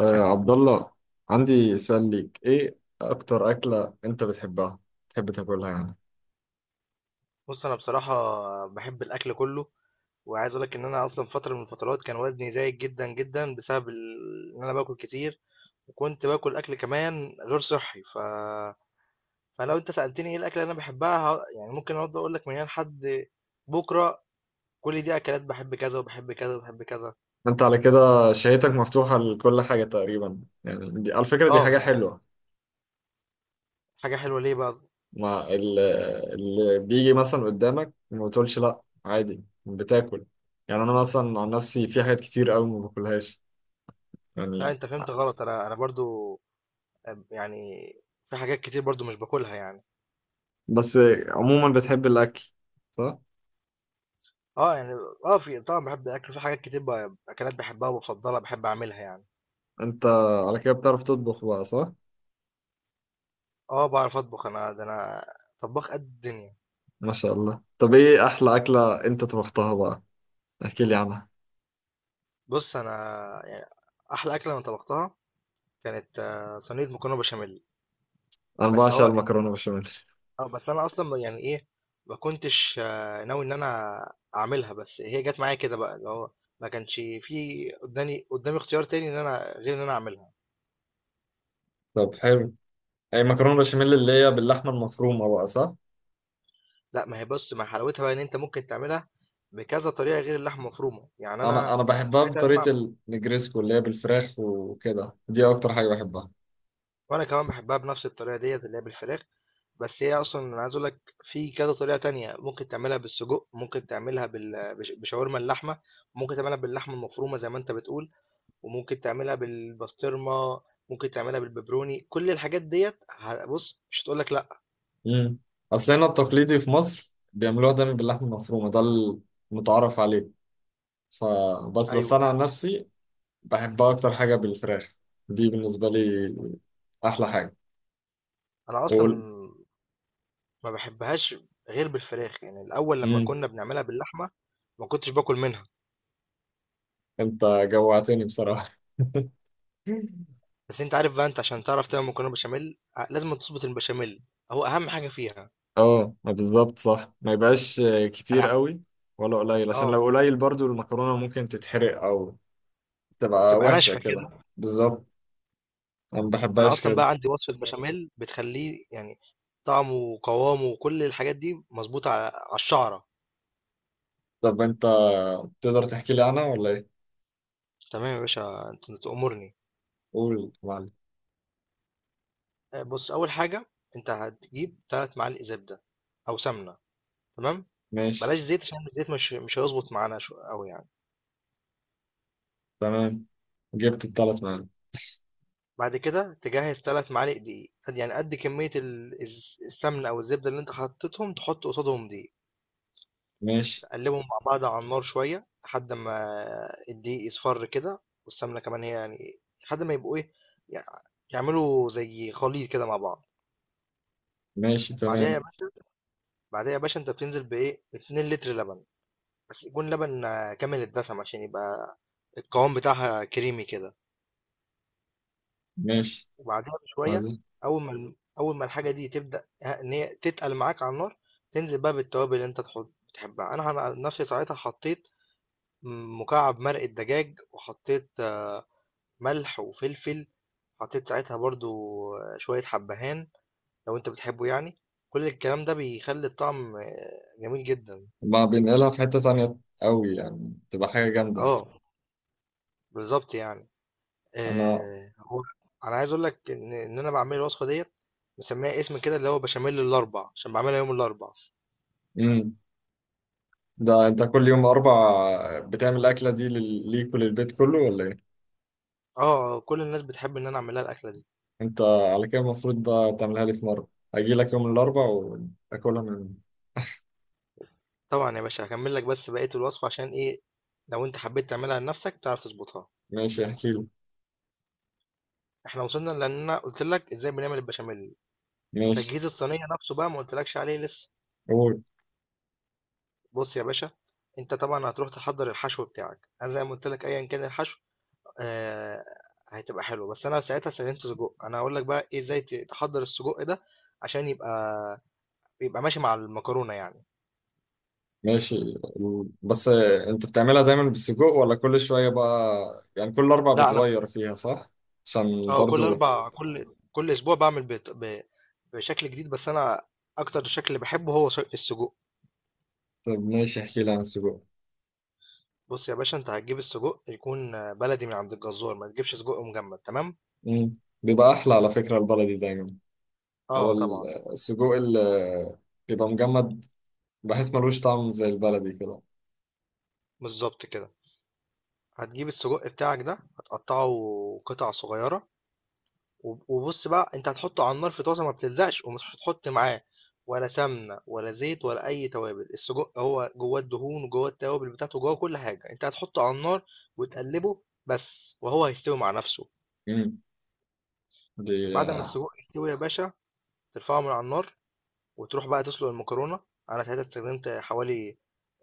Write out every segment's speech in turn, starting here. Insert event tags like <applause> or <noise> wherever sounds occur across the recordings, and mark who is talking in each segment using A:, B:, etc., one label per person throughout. A: آه عبد الله، عندي سؤال ليك. ايه اكتر اكلة انت بتحبها تحب تاكلها يعني؟
B: بص انا بصراحه بحب الاكل كله، وعايز اقول لك ان انا اصلا فتره من الفترات كان وزني زايد جدا جدا بسبب ان انا باكل كتير، وكنت باكل اكل كمان غير صحي فلو انت سالتني ايه الاكل اللي انا بحبها يعني ممكن اقعد اقول لك من هنا لحد بكره، كل دي اكلات بحب كذا وبحب كذا وبحب كذا.
A: انت على كده شهيتك مفتوحة لكل حاجة تقريبا يعني. دي على فكرة دي
B: اه
A: حاجة
B: يعني
A: حلوة.
B: حاجه حلوه ليه بقى؟
A: ما ال- اللي بيجي مثلا قدامك ما بتقولش لا، عادي بتاكل. يعني انا مثلا عن نفسي في حاجات كتير قوي ما باكلهاش
B: لا
A: يعني.
B: انت فهمت غلط، انا برضو يعني في حاجات كتير برضو مش باكلها يعني.
A: بس عموما بتحب الاكل، صح؟
B: آه، يعني آه، في طبعًا باحب الأكل، في حاجات كتير أكلات باحبها وبافضّلها، باحب أعملها يعني.
A: انت على كده بتعرف تطبخ بقى، صح؟
B: آه، باعرف أطبخ أنا، ده أنا طبّاخ قد الدنيا.
A: ما شاء الله. طب ايه احلى اكلة انت طبختها بقى؟ احكي لي عنها.
B: بُص، أنا يعني أحلى أكلة أنا طبختها كانت آه، صينية مكرونة بشاميل.
A: انا
B: بس
A: بعشق
B: هو
A: المكرونة بشاميل.
B: آه، بس أنا أصلًا يعني إيه، ما كنتش آه، ناوي إن أنا أعملها، بس هي جات معايا كده بقى، اللي هو ما كانش في قدّامي اختيار تاني إن أنا غير إن أنا أعملها.
A: طب حلو. اي مكرونة بشاميل اللي هي باللحمة المفرومة بقى، صح؟
B: لأ، ما هي بُص، ما حلاوتها بقى إن أنت ممكن تعملها بكذا طريقة غير اللحمة المفرومة، يعني أنا
A: انا بحبها
B: ساعتها
A: بطريقة
B: لمّا
A: النجريسكو اللي هي بالفراخ وكده. دي اكتر حاجة بحبها.
B: وانا كمان بحبها بنفس الطريقه ديت اللي هي بالفراخ. بس هي اصلا انا عايز اقول لك في كذا طريقه تانية، ممكن تعملها بالسجق، ممكن تعملها بشاورما اللحمه، ممكن تعملها باللحمه المفرومه زي ما انت بتقول، وممكن تعملها بالبسطرمه، ممكن تعملها بالبيبروني. كل الحاجات ديت بص مش هتقول لك لا.
A: امم اصل هنا التقليدي في مصر بيعملوها دايما باللحمة المفرومة، ده المتعارف عليه. فبس
B: ايوه
A: انا عن نفسي بحبها اكتر حاجة بالفراخ. دي بالنسبة لي احلى حاجة.
B: انا اصلا
A: وال...
B: ما بحبهاش غير بالفراخ، يعني الاول لما
A: مم.
B: كنا بنعملها باللحمه ما كنتش باكل منها.
A: انت جوعتني بصراحة. <laughs>
B: بس انت عارف بقى، انت عشان تعرف تعمل مكرونه بشاميل لازم تظبط البشاميل، هو اهم حاجه فيها.
A: اه، ما بالظبط صح. ما يبقاش كتير
B: انا
A: قوي ولا قليل، عشان
B: آه،
A: لو قليل برضو المكرونة ممكن تتحرق او تبقى
B: بتبقى
A: وحشة
B: ناشفة
A: كده
B: كده.
A: بالظبط. انا ما
B: أنا
A: بحبهاش
B: أصلًا
A: كده.
B: بقى عندي وصفة بشاميل بتخلّيه يعني طعمه وقوامه وكل الحاجات دي مضبوطة على الشعرة.
A: طب انت تقدر تحكي لي عنها ولا ايه؟
B: تمام يا باشا أنت تأمرني.
A: قول يا معلم.
B: بُص، أول حاجة أنت هتجيب 3 معالق زبدة أو سمنة، تمام،
A: ماشي،
B: بلاش زيت عشان الزيت مش هيضبط معانا شو أوي يعني.
A: تمام. جبت الثلاث معايا.
B: بعد كده تجهّز 3 معالق دقيق، قد يعني قد كمية ال الز السمنة أو الزبدة اللي أنت حطيتهم، تحط قصادهم دقيق.
A: ماشي.
B: قلبهم مع بعض على النار شوية لحد ما الدقيق يصفر كده والسمنة كمان، هي يعني لحد ما يبقوا ايه، يع- يعملوا زي خليط كده مع بعض.
A: ماشي،
B: بعدها يا
A: تمام.
B: باشا بعدها يا باشا انت بتنزل بايه 2 لتر لبن، بس يكون لبن آه، كامل الدسم عشان يبقى القوام بتاعها كريمي كده.
A: ماشي.
B: وبعدها بشوية
A: عادي.
B: اول ما الحاجة دي تبدأ ان هي تتقل معاك على النار، تنزل بقى بالتوابل اللي انت بتحبها. انا عن نفسي ساعتها حطيت مكعب مرق الدجاج، وحطيت ملح وفلفل، حطيت ساعتها برضو شوية حبهان لو أنت بتحبه يعني، كل الكلام ده بيخلي الطعم آه، جميل جدًا.
A: ما بينقلها في حتة تانية قوي يعني، تبقى حاجة جامدة.
B: آه، بالضبط يعني.
A: انا
B: هو أنا عايز أقول لك إن أنا باعمل الوصفة ديّة مسميها اسم كده اللي هو بشاميل الأربع، عشان باعملها يوم الأربع.
A: مم. ده انت كل يوم اربع بتعمل الاكله دي ليك وللبيت كله ولا ايه؟
B: آه، آه، كل الناس بتحب إن أنا أعمل لها الأكلة دي.
A: انت على كده المفروض بقى تعملها لي في مره. اجي لك يوم الاربع واكلها من.
B: طبعًا يا باشا هاكمل لك بس بقية الوصفة، عشان إيه، لو أنت حبيت تعملها لنفسك تعرف تضبطها.
A: ماشي، احكي له.
B: إحنا وصلنا لإن أنا قُلت لك إزاي بنعمل البشاميل.
A: ماشي.
B: تجهيز الصينية نفسه بقى ما قلتلكش عليه لسه.
A: قول.
B: بص يا باشا، انت طبعا هتروح تحضر الحشو بتاعك. انا زي ما قلت لك ايا كان الحشو آه هتبقى حلوه، بس انا ساعتها استخدمت سجق. انا هقول لك بقى ايه ازاي تحضر السجق ده عشان يبقى ماشي مع المكرونه يعني.
A: ماشي. بس انت بتعملها دايما بالسجق ولا كل شويه بقى يعني، كل اربع
B: لا انا
A: بتغير فيها، صح؟ عشان
B: اه كل
A: برضو.
B: اربع، كل اسبوع بعمل بشكل جديد، بس انا اكتر شكل اللي بحبه هو السجق.
A: طب ماشي، احكي لي عن السجق.
B: بص يا باشا، انت هتجيب السجق يكون بلدي من عند الجزار، ما تجيبش سجق مجمد، تمام.
A: مم. بيبقى احلى على فكره، البلدي دايما. هو
B: اه طبعا.
A: السجق اللي بيبقى مجمد بحس ملوش طعم زي البلدي كده.
B: بالظبط كده، هتجيب السجق بتاعك ده هتقطعه قطع صغيرة، وبص بقى، انت هتحطه على النار في طاسة ما بتلزقش، ومش هتحط معاه ولا سمنة ولا زيت ولا أي توابل. السجق هو جواه الدهون وجواه التوابل بتاعته، جواه كل حاجة. انت هتحطه على النار وتقلبه بس، وهو هيستوي مع نفسه.
A: مم. دي
B: بعد ما السجق يستوي يا باشا، ترفعه من على النار وتروح بقى تسلق المكرونة. أنا ساعتها استخدمت حوالي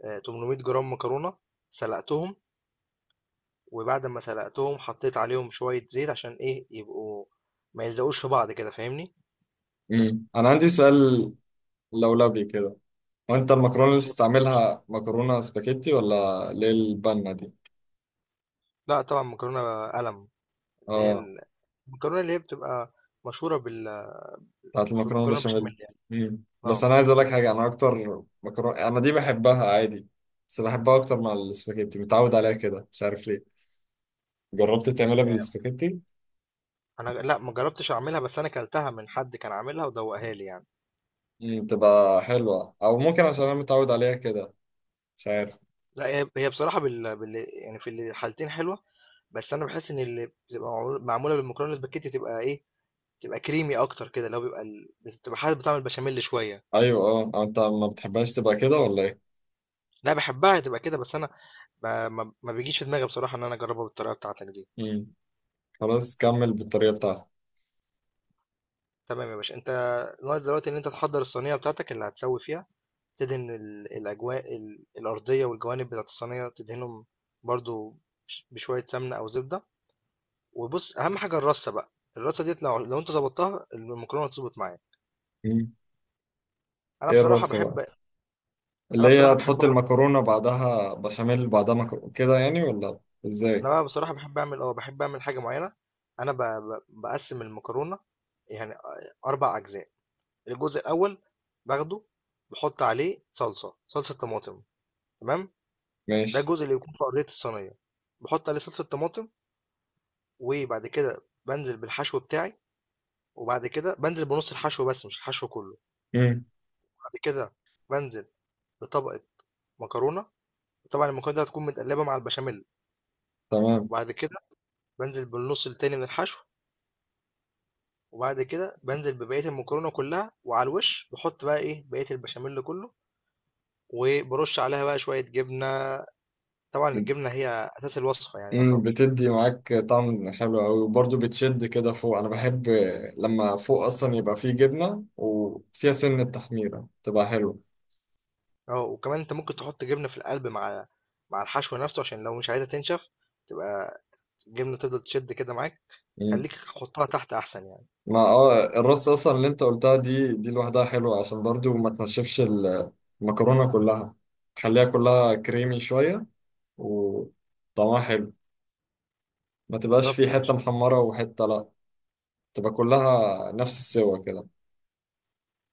B: آه، 800 جرام مكرونة، سلقتهم، وبعد ما سلقتهم حطيت عليهم شوية زيت عشان ايه يبقوا ما يلزقوش في بعض كده، فاهمني؟
A: انا عندي سؤال لولبي كده. هو انت المكرونه اللي
B: اتفضل.
A: بتستعملها مكرونه سباكيتي ولا اللي هي البنه دي؟
B: لا طبعا مكرونة قلم، اللي هي
A: اه.
B: المكرونة اللي هي بتبقى مشهورة
A: بتاعت
B: في
A: المكرونه
B: المكرونة
A: البشاميل.
B: بشاميل يعني.
A: بس
B: اه
A: انا عايز اقول لك حاجه، انا اكتر مكرونه انا دي بحبها عادي. بس بحبها اكتر مع السباكيتي، متعود عليها كده مش عارف ليه. جربت تعملها
B: يعني
A: بالسباكيتي؟
B: انا لا ما جربتش اعملها، بس انا كلتها من حد كان عاملها ودوقها لي يعني.
A: تبقى حلوه او ممكن، عشان انا متعود عليها كده مش عارف.
B: لا هي هي بصراحة يعني في الحالتين حلوة، بس انا بحس ان اللي بتبقى معمولة بالمكرونة الاسباجيتي بتبقى ايه، بتبقى كريمي اكتر كده. لو بيبقى بتبقى حاسس بطعم البشاميل شوية.
A: ايوه، اه. أو انت ما بتحبهاش تبقى كده ولا ايه؟
B: لا بحبها تبقى كده بس انا ما بيجيش في دماغي بصراحة إن أنا أجربها بالطريقة بتاعتك دي.
A: امم خلاص، كمل بالطريقه بتاعتك.
B: تمام يا باشا. أنت ناقص دلوقتي إن أنت تحضر الصينية بتاعتك اللي هتسوي فيها، تدهن الأجواء الأرضية والجوانب بتاعت الصينية، تدهنهم برضو بشوية سمنة أو زبدة. وبص، أهم حاجة الرصة بقى، الرصة ديت لو لو أنت ظبطتها المكرونة هتظبط معايا.
A: امم
B: أنا
A: ايه
B: بصراحة
A: الرصه بقى؟
B: بحب
A: اللي
B: أنا
A: هي
B: بصراحة بحب
A: تحط
B: آخد،
A: المكرونة بعدها بشاميل بعدها مكرونة كده يعني، ولا ازاي؟
B: أنا بقى بصراحة بحب أعمل أه بحب أعمل حاجة معينة. أنا بقسم المكرونة يعني أربع أجزاء. الجزء الاول باخده بحط عليه صلصه طماطم، تمام. ده
A: ماشي.
B: الجزء اللي بيكون في ارضيه الصينيه، بحط عليه صلصه طماطم. وبعد كده بنزل بالحشو بتاعي، وبعد كده بنزل بنص الحشو بس مش الحشو كله.
A: مم.
B: بعد كده بنزل بطبقه مكرونه، طبعا المكرونه دي هتكون متقلبه مع البشاميل.
A: تمام.
B: وبعد كده بنزل بالنص التاني من الحشو، وبعد كده بنزل ببقيه المكرونه كلها. وعلى الوش بحط بقى ايه بقيه البشاميل كله، وبرش عليها بقى شويه جبنه. طبعًا الجبنة هي أساس الوصفة يعني
A: مم.
B: يعتبر.
A: بتدي معاك طعم حلو قوي، وبرضه بتشد كده فوق. انا بحب لما فوق اصلا يبقى فيه جبنة وفيها سن تحميرة، تبقى حلوة.
B: آه، وكمان أنت ممكن تحط جبنة في القلب مع الحشو نفسه، عشان لو مش عايزها تنشف، تبقى الجبنة تفضل تشد كده معاك.
A: مم.
B: خلّيك حُطّها تحت أحسن يعني.
A: ما الرص اصلا اللي انت قلتها دي لوحدها حلوة، عشان برضه ما تنشفش المكرونة كلها. تخليها كلها كريمي شوية وطعمها حلو. ما تبقاش
B: بالضبط
A: فيه
B: يا
A: حتة
B: باشا.
A: محمرة وحتة لا، تبقى كلها نفس السوا كده.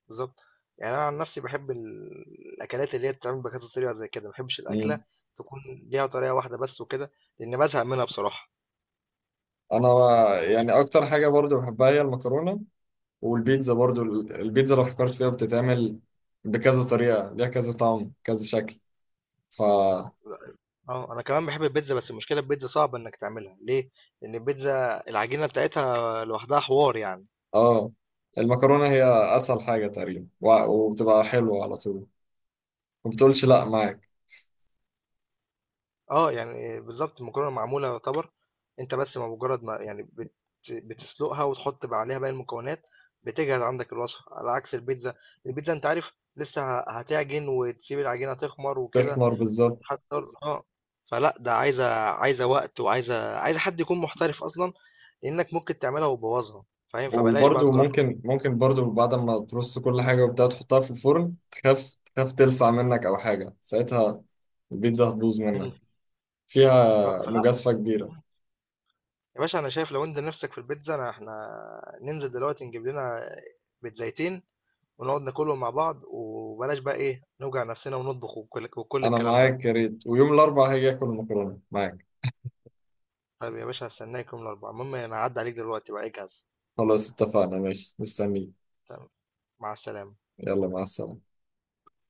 B: بالضبط، يعني أنا عن نفسي باحب الأكلات اللي هي بتتعمل بكذا طريقة زي كده، ما باحبش الأكلة
A: مم.
B: تكون ليها طريقة واحدة بس وكده، لإن بازهق منها بصراحة.
A: انا يعني اكتر حاجه برضو بحبها هي المكرونه، والبيتزا برضو. البيتزا لو فكرت فيها بتتعمل بكذا طريقه، ليها كذا طعم كذا شكل فا
B: آه، أنا كمان باحب البيتزا، بس المشكلة البيتزا صعبة إنك تعملها، ليه؟ لإن البيتزا العجينة بتاعتها لوحدها حوار يعني.
A: اه. المكرونه هي اسهل حاجه تقريبا وبتبقى حلوه على طول، ما بتقولش لا معاك.
B: آه، يعني بالضبط المكرونة معمولة يعتبر، أنت بس بمجرد ما يعني بتسلقها وتحط بقى عليها باقي المكونات، بتجهز عندك الوصفة، على عكس البيتزا. البيتزا أنت عارف لسه هتعجن وتسيب العجينة تخمر وكده
A: تخمر بالظبط.
B: وتحضّر آه، فلأ ده عايزة وقت وعايزة حد يكون محترف أصلًا، لإنك ممكن تعملها وتبوّظها، فاهم؟ فبلاش بقى
A: وبرضو
B: تجرّب.
A: ممكن برضو بعد ما ترص كل حاجه وبتاع تحطها في الفرن، تخاف تلسع منك او حاجه. ساعتها البيتزا هتبوظ
B: إمم.
A: منك. فيها
B: فلأ
A: مجازفة كبيرة.
B: يا باشا أنا شايف لو أنت نِفْسك في البيتزا، أنا إحنا ننزل دلوقتي نجيب لنا بيتزايتين ونقعد ناكلهم مع بعض، وبلاش بقى ايه نوجع نفسنا ونطبخ وكل
A: أنا
B: الكلام ده.
A: معاك، يا ريت. ويوم الأربعاء هاجي آكل مكرونة معاك.
B: طيب يا باشا هستناكم الاربعاء، المهم انا هعدي عليك دلوقتي بقى اجهز.
A: خلاص، اتفقنا. ماشي، مستنيك.
B: تمام، مع السلامة.
A: يلا، مع السلامة.